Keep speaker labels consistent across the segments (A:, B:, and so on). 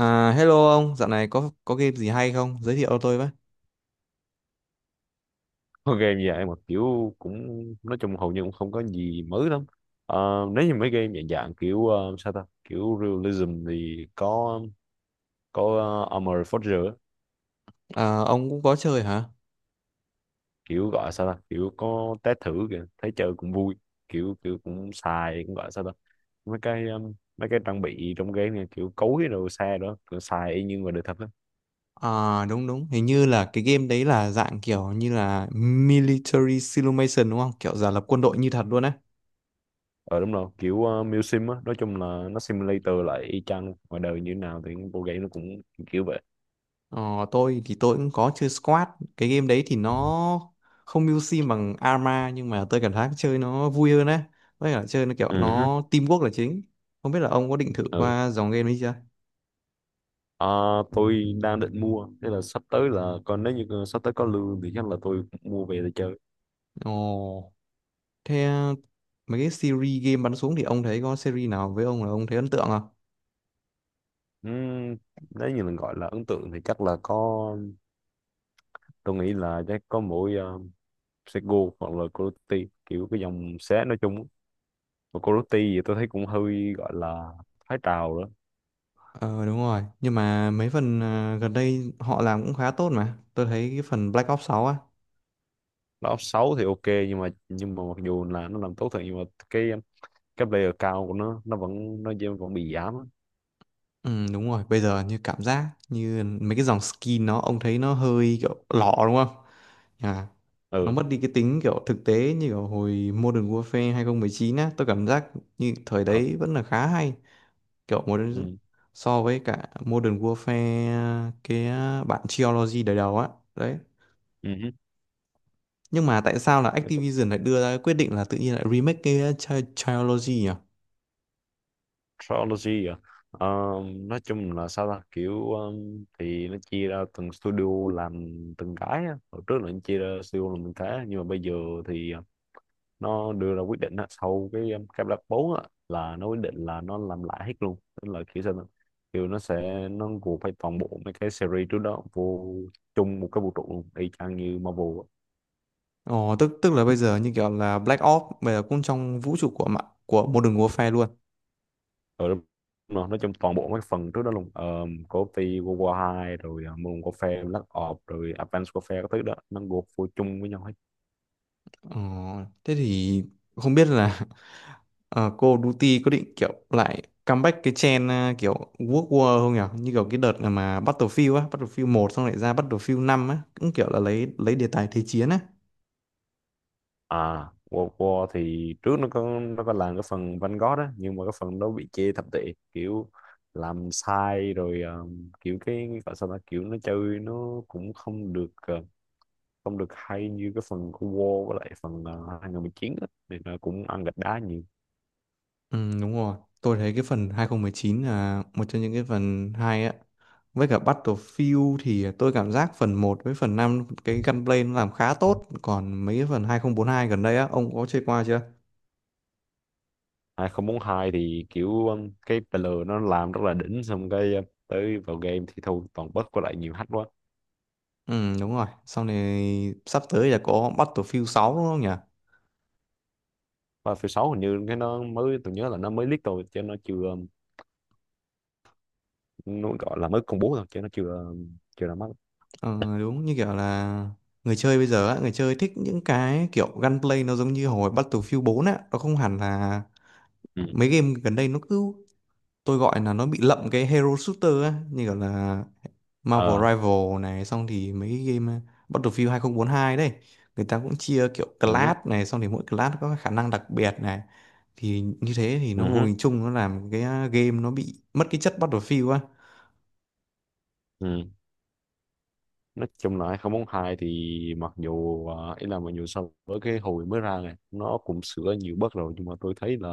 A: À, hello ông, dạo này có game gì hay không? Giới thiệu cho tôi với.
B: Con game dạng mà kiểu cũng nói chung hầu như cũng không có gì mới lắm. Nếu như mấy game dạng dạng kiểu sao ta kiểu realism thì có Armored Forger á.
A: À, ông cũng có chơi hả?
B: Kiểu gọi sao ta kiểu có test thử kìa thấy chơi cũng vui, kiểu kiểu cũng xài cũng gọi sao ta mấy cái trang bị trong game này kiểu cối đồ xe đó kiểu xài y như ngoài đời thật á.
A: À, đúng đúng, hình như là cái game đấy là dạng kiểu như là military simulation đúng không? Kiểu giả lập quân đội như thật luôn á.
B: Ờ đúng rồi kiểu Sim Sim á, nói chung là nó simulator lại y chang ngoài đời như thế nào thì bộ game nó cũng kiểu vậy.
A: Ờ, tôi thì tôi cũng có chơi Squad. Cái game đấy thì nó không mưu sim bằng Arma nhưng mà tôi cảm thấy chơi nó vui hơn á. Với cả chơi nó kiểu
B: Ừ hứ.
A: nó teamwork là chính. Không biết là ông có định thử
B: Ừ.
A: qua dòng game ấy chưa?
B: À, tôi đang định mua, thế là sắp tới là còn nếu như sắp tới có lương thì chắc là tôi mua về để chơi.
A: Ồ. Thế mấy cái series game bắn súng thì ông thấy có series nào với ông là ông thấy ấn tượng không?
B: Ừm, Nếu như là gọi là ấn tượng thì chắc là có, tôi nghĩ là chắc có mỗi Sego hoặc là Coyote, kiểu cái dòng xé nói chung. Và Coyote thì tôi thấy cũng hơi gọi là thái trào đó.
A: Ờ đúng rồi, nhưng mà mấy phần gần đây họ làm cũng khá tốt mà. Tôi thấy cái phần Black Ops sáu á.
B: Nó xấu thì ok nhưng mà mặc dù là nó làm tốt thật nhưng mà cái cái player cao của nó nó vẫn bị giảm á.
A: Ừ, đúng rồi, bây giờ như cảm giác như mấy cái dòng skin nó ông thấy nó hơi kiểu lọ đúng không? À, nó
B: Ừ.
A: mất đi cái tính kiểu thực tế như kiểu hồi Modern Warfare 2019 á, tôi cảm giác như thời
B: Ờ.
A: đấy vẫn là khá hay. Kiểu một
B: Ừ.
A: so với cả Modern Warfare cái bản Trilogy đời đầu á, đấy. Nhưng mà tại sao là
B: Ừ.
A: Activision lại đưa ra cái quyết định là tự nhiên lại remake cái Trilogy nhỉ?
B: Trilogy à? Ờ, nói chung là sao ta kiểu thì nó chia ra từng studio làm từng cái á. Hồi trước là nó chia ra studio làm từng cái nhưng mà bây giờ thì nó đưa ra quyết định á, sau cái Black 4 á, là nó quyết định là nó làm lại hết luôn. Tức là kiểu sao ta? Kiểu nó sẽ nó gộp phải toàn bộ mấy cái series trước đó vô chung một cái vũ trụ luôn y chang như Marvel.
A: Ồ, tức tức là bây giờ như kiểu là Black Ops bây giờ cũng trong vũ trụ của mạng của Modern Warfare luôn.
B: Ừ, đúng rồi. Nói chung toàn bộ mấy phần trước đó luôn, coffee World War 2 rồi Moon Warfare Black Ops rồi Advanced Warfare các thứ đó nó gộp vô chung với nhau hết.
A: Ờ, thế thì không biết là ờ, Call of Duty có định kiểu lại comeback cái trend kiểu World War không nhỉ? Như kiểu cái đợt mà Battlefield á, Battlefield một xong lại ra Battlefield năm á, cũng kiểu là lấy đề tài thế chiến á.
B: À, World War thì trước nó có làm cái phần Vanguard á nhưng mà cái phần đó bị chê thập tệ, kiểu làm sai rồi. Kiểu cái gọi sao ta kiểu nó chơi nó cũng không được, uh, không được hay như cái phần của War với lại phần 2019 á thì nó cũng ăn gạch đá nhiều.
A: Ừ, đúng rồi. Tôi thấy cái phần 2019 là một trong những cái phần hay á. Với cả Battlefield thì tôi cảm giác phần một với phần 5 cái gunplay nó làm khá tốt. Còn mấy cái phần 2042 gần đây á, ông có chơi qua chưa?
B: Hai không bốn hai thì kiểu cái PL nó làm rất là đỉnh, xong cái tới vào game thì thôi toàn bug với lại nhiều hack quá.
A: Ừ, đúng rồi. Sau này sắp tới là có Battlefield 6 đúng không nhỉ?
B: Và phiêu 6 hình như cái nó mới, tôi nhớ là nó mới leak thôi chứ nó chưa nó gọi là mới công bố thôi chứ nó chưa chưa ra mắt.
A: Ờ, đúng như kiểu là người chơi bây giờ á, người chơi thích những cái kiểu gunplay nó giống như hồi Battlefield bốn á. Nó không hẳn là
B: Ừ.
A: mấy game gần đây nó cứ tôi gọi là nó bị lậm cái hero shooter á, như kiểu là Marvel
B: Ờ.
A: Rival này xong thì mấy cái game Battlefield 2042 đấy, người ta cũng chia kiểu
B: Ừ.
A: class này xong thì mỗi class có khả năng đặc biệt này, thì như thế thì nó vô
B: Ừ.
A: hình chung nó làm cái game nó bị mất cái chất Battlefield á.
B: Ừ. Nói chung là 2042 thì mặc dù à, ý là mặc dù so với cái hồi mới ra này nó cũng sửa nhiều bug rồi, nhưng mà tôi thấy là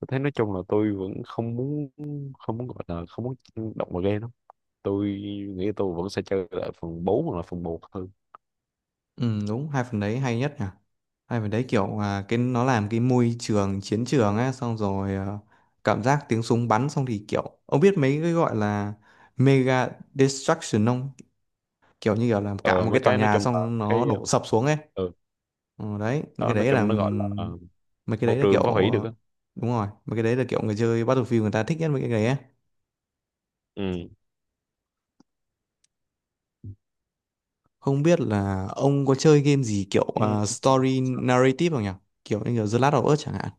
B: tôi thấy nói chung là tôi vẫn không muốn, không muốn, gọi là không muốn động vào game. Tôi nghĩ tôi vẫn sẽ chơi lại phần 4 hoặc là phần một hơn.
A: Ừ, đúng, hai phần đấy hay nhất nhỉ. Hai phần đấy kiểu cái nó làm cái môi trường chiến trường á xong rồi à, cảm giác tiếng súng bắn xong thì kiểu ông biết mấy cái gọi là mega destruction không, kiểu như kiểu là cả
B: Ờ,
A: một
B: mấy
A: cái tòa
B: cái nói
A: nhà
B: chung là
A: xong nó
B: cái
A: đổ sập xuống ấy.
B: ừ,
A: Ờ, đấy những cái
B: đó nói
A: đấy là
B: chung nó gọi là ờ,
A: mấy cái
B: môi
A: đấy là kiểu
B: trường phá hủy được á.
A: đúng rồi mấy cái đấy là kiểu người chơi Battlefield người ta thích nhất mấy cái đấy ấy.
B: Ừ.
A: Không biết là ông có chơi game gì kiểu
B: Ừ.
A: story narrative không nhỉ, kiểu như kiểu The Last of Us chẳng hạn.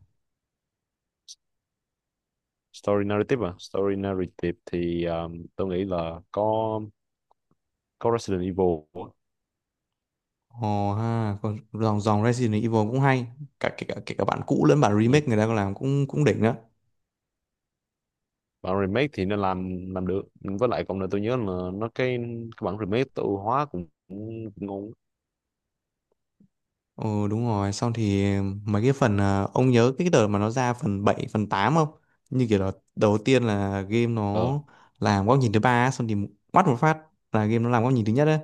B: Story narrative à? Story narrative thì tôi nghĩ là có Resident Evil á.
A: Ồ ha, còn dòng dòng Resident Evil cũng hay, cả kể cả bản cũ lẫn bản
B: Ừ.
A: remake người ta còn làm cũng cũng đỉnh đó.
B: Bản remake thì nó làm được, với lại còn là tôi nhớ là nó cái bản remake tự hóa cũng, cũng ngon.
A: Ừ đúng rồi, xong thì mấy cái phần à, ông nhớ cái đợt mà nó ra phần 7 phần 8 không? Như kiểu là đầu tiên là game nó
B: Ờ.
A: làm góc nhìn thứ ba á, xong thì quát một phát là game nó làm góc nhìn thứ nhất đấy.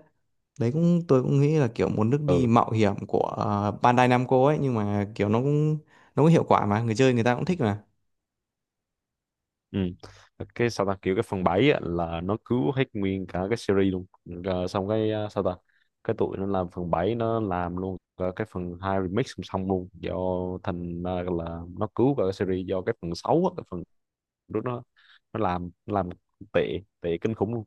A: Đấy cũng tôi cũng nghĩ là kiểu một nước đi
B: Ừ.
A: mạo hiểm của Bandai Namco ấy, nhưng mà kiểu nó cũng hiệu quả mà người chơi người ta cũng thích mà.
B: Ừ. Cái sao ta kiểu cái phần 7 á, là nó cứu hết nguyên cả cái series luôn, rồi xong cái à, sao ta cái tụi nó làm phần 7 nó làm luôn cả cái phần 2 remix song song luôn, do thành ra là nó cứu cả cái series, do cái phần 6 á, cái phần lúc nó làm tệ tệ kinh khủng luôn.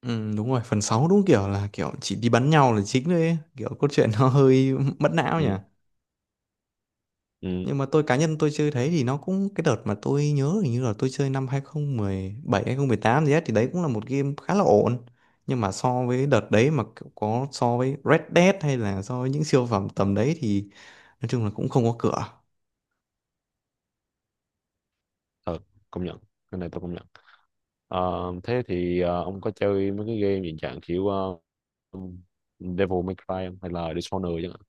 A: Ừ đúng rồi, phần 6 đúng kiểu là kiểu chỉ đi bắn nhau là chính thôi ấy. Kiểu cốt truyện nó hơi mất não nhỉ.
B: Ừ. Ừ,
A: Nhưng mà tôi cá nhân tôi chơi thấy thì nó cũng cái đợt mà tôi nhớ hình như là tôi chơi năm 2017 tám gì á thì đấy cũng là một game khá là ổn. Nhưng mà so với đợt đấy mà kiểu có so với Red Dead hay là so với những siêu phẩm tầm đấy thì nói chung là cũng không có cửa.
B: thật. Công nhận, cái này tôi công nhận. Ờ, thế thì ờ, ông có chơi mấy cái game hiện trạng kiểu Devil May Cry không? Hay là Dishonored chẳng hạn.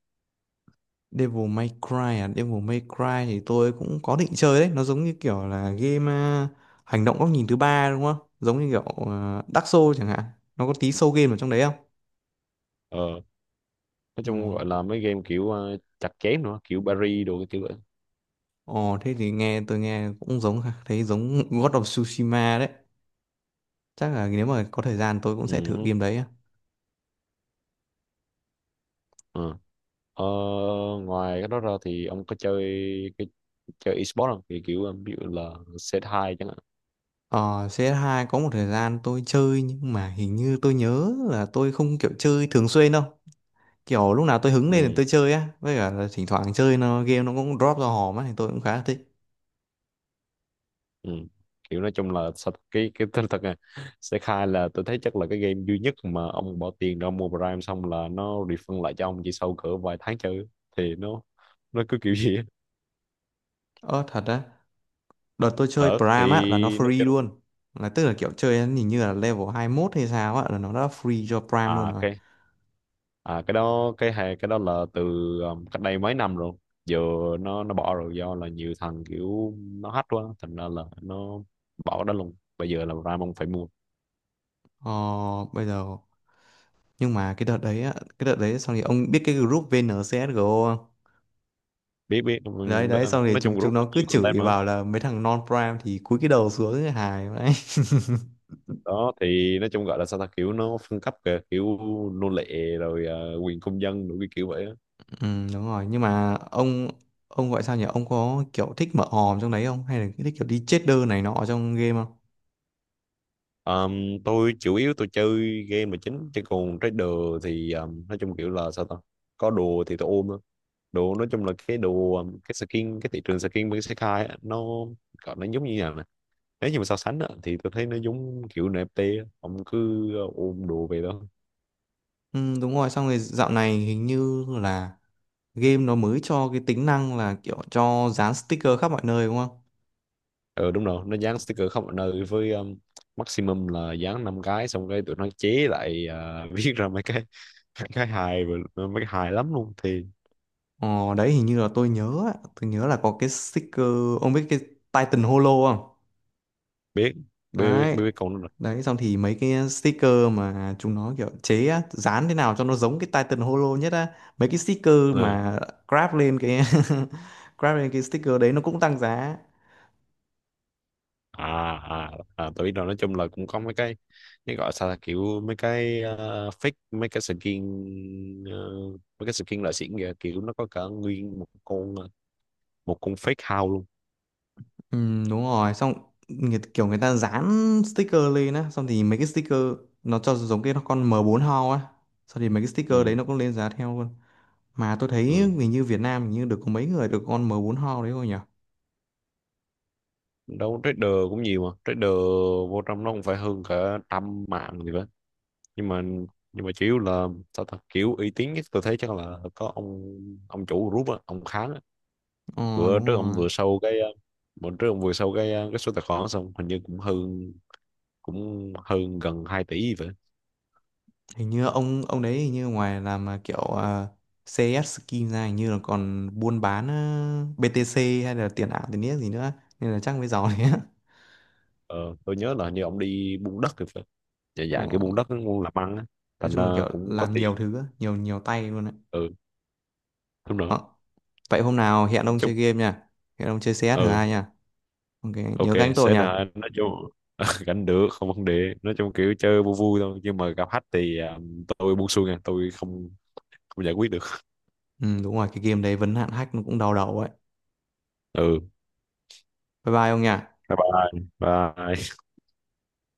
A: Devil May Cry Devil May Cry thì tôi cũng có định chơi đấy, nó giống như kiểu là game hành động góc nhìn thứ ba đúng không? Giống như kiểu Dark Souls chẳng hạn. Nó có tí soul game ở trong đấy không?
B: Ờ, nói chung gọi
A: Ồ.
B: là mấy game kiểu chặt chém nữa kiểu Paris đồ cái kiểu vậy.
A: Ồ thế thì nghe tôi nghe cũng giống ha, thấy giống God of Tsushima đấy. Chắc là nếu mà có thời gian tôi cũng sẽ thử
B: Ừ.
A: game đấy á.
B: Ừ. Ờ, ngoài cái đó ra thì ông có chơi cái chơi esports không, thì kiểu ờ, ví dụ là cs hai chẳng hạn.
A: Ờ CS2 có một thời gian tôi chơi nhưng mà hình như tôi nhớ là tôi không kiểu chơi thường xuyên đâu. Kiểu lúc nào tôi hứng lên thì
B: Ừ.
A: tôi chơi á, với cả là thỉnh thoảng chơi nó game nó cũng drop ra hòm á thì tôi cũng khá là thích.
B: Ừ. Kiểu nói chung là cái thật thật này, cs hai là tôi thấy chắc là cái game duy nhất mà ông bỏ tiền ra mua Prime xong là nó refund lại cho ông chỉ sau cỡ vài tháng chơi, thì nó cứ kiểu gì á.
A: Ờ thật á, đợt tôi chơi
B: Thật
A: Prime
B: thì
A: á là nó
B: nó
A: free
B: chơi.
A: luôn. Là tức là kiểu chơi hình như là level 21 hay sao á là nó đã free cho Prime luôn
B: À
A: rồi.
B: ok. À cái đó, cái hay cái đó là từ cách đây mấy năm rồi. Giờ nó bỏ rồi do là nhiều thằng kiểu nó hack quá, thành ra là nó bỏ cái đó luôn, bây giờ là Ramon phải mua.
A: Ờ bây giờ nhưng mà cái đợt đấy á, cái đợt đấy xong thì ông biết cái group VNCSGO không?
B: Biết biết
A: Đấy đấy xong thì
B: nói
A: chúng
B: chung
A: chúng
B: group nó
A: nó cứ
B: nhiều content
A: chửi
B: mà.
A: bảo là mấy thằng non prime thì cúi cái đầu xuống cái hài đấy.
B: Đó thì nói chung gọi là sao ta kiểu nó phân cấp kìa, kiểu nô lệ rồi quyền công dân rồi cái kiểu vậy á.
A: Ừ, đúng rồi nhưng mà ông gọi sao nhỉ, ông có kiểu thích mở hòm trong đấy không hay là thích kiểu đi cheater này nọ ở trong game không?
B: Tôi chủ yếu tôi chơi game là chính chứ còn trader thì nói chung kiểu là sao ta, có đồ thì tôi ôm á. Đồ nói chung là cái đồ cái skin cái thị trường skin bên Sekai á, nó gọi nó giống như nào nè, nếu như mà so sánh á, thì tôi thấy nó giống kiểu NFT á. Ông cứ ôm đồ về đó.
A: Ừ, đúng rồi xong rồi dạo này hình như là game nó mới cho cái tính năng là kiểu cho dán sticker khắp mọi nơi đúng không?
B: Ờ đúng rồi, nó dán sticker khắp mọi nơi với maximum là dán năm cái, xong cái tụi nó chế lại à, viết ra mấy cái hài, mấy cái hài lắm luôn thì.
A: Ờ đấy hình như là tôi nhớ á, tôi nhớ là có cái sticker, ông biết cái Titan Holo không?
B: biết biết biết,
A: Đấy
B: biết biết con nó rồi.
A: đấy xong thì mấy cái sticker mà chúng nó kiểu chế á, dán thế nào cho nó giống cái Titan Holo nhất á, mấy cái sticker
B: Ờ.
A: mà grab lên cái grab lên cái sticker đấy nó cũng tăng giá.
B: À à, à tôi biết rồi, nói chung là cũng có mấy cái gọi sao là, kiểu mấy cái fake mấy cái skin mấy cái skin loại xịn kìa, kiểu nó có cả nguyên một con một con fake house luôn.
A: Ừ, đúng rồi xong người, kiểu người ta dán sticker lên á xong thì mấy cái sticker nó cho giống cái con m bốn Hao á, xong thì mấy cái sticker đấy
B: Ừ.
A: nó cũng lên giá theo luôn. Mà tôi thấy
B: Ừ,
A: hình như Việt Nam hình như được có mấy người được con m bốn Hao đấy thôi nhỉ.
B: đâu trader cũng nhiều mà, trader vô trong nó cũng phải hơn cả trăm mạng gì đó. Nhưng mà nhưng mà chủ yếu là sao ta kiểu uy tín nhất tôi thấy chắc là có ông chủ group á, ông Kháng á.
A: Ờ
B: Bữa
A: đúng
B: trước ông
A: rồi.
B: vừa sâu cái ờ, bữa trước ông vừa sâu cái ờ, cái số tài khoản đó, xong hình như cũng hơn, cũng hơn gần 2 tỷ vậy.
A: Hình như ông đấy hình như ngoài làm kiểu CS skin ra hình như là còn buôn bán BTC hay là tiền ảo tiền niếc gì nữa nên là chắc mới giàu đấy á.
B: Ờ, tôi nhớ là hình như ông đi buôn đất thì phải. Dạ dạ
A: Ờ,
B: cái buôn đất muốn làm ăn á,
A: nói
B: thành ra
A: chung là kiểu
B: cũng có
A: làm
B: tiền.
A: nhiều thứ á, nhiều nhiều tay luôn đấy.
B: Ừ đúng rồi,
A: Ờ, vậy hôm nào hẹn
B: nói
A: ông
B: chung.
A: chơi game nha. Hẹn ông chơi CS thử
B: Ừ.
A: hai nha. Ok,
B: Ok.
A: nhớ gánh tôi
B: Sẽ
A: nha.
B: là nói chung gánh được không vấn đề, nói chung kiểu chơi vui vui thôi nhưng mà gặp khách thì à, tôi buông xuôi nha, tôi không không giải quyết được.
A: Ừ, đúng rồi, cái game đấy vấn hạn hack nó cũng đau đầu ấy.
B: Ừ.
A: Bye bye ông nha.
B: Bye bye bye.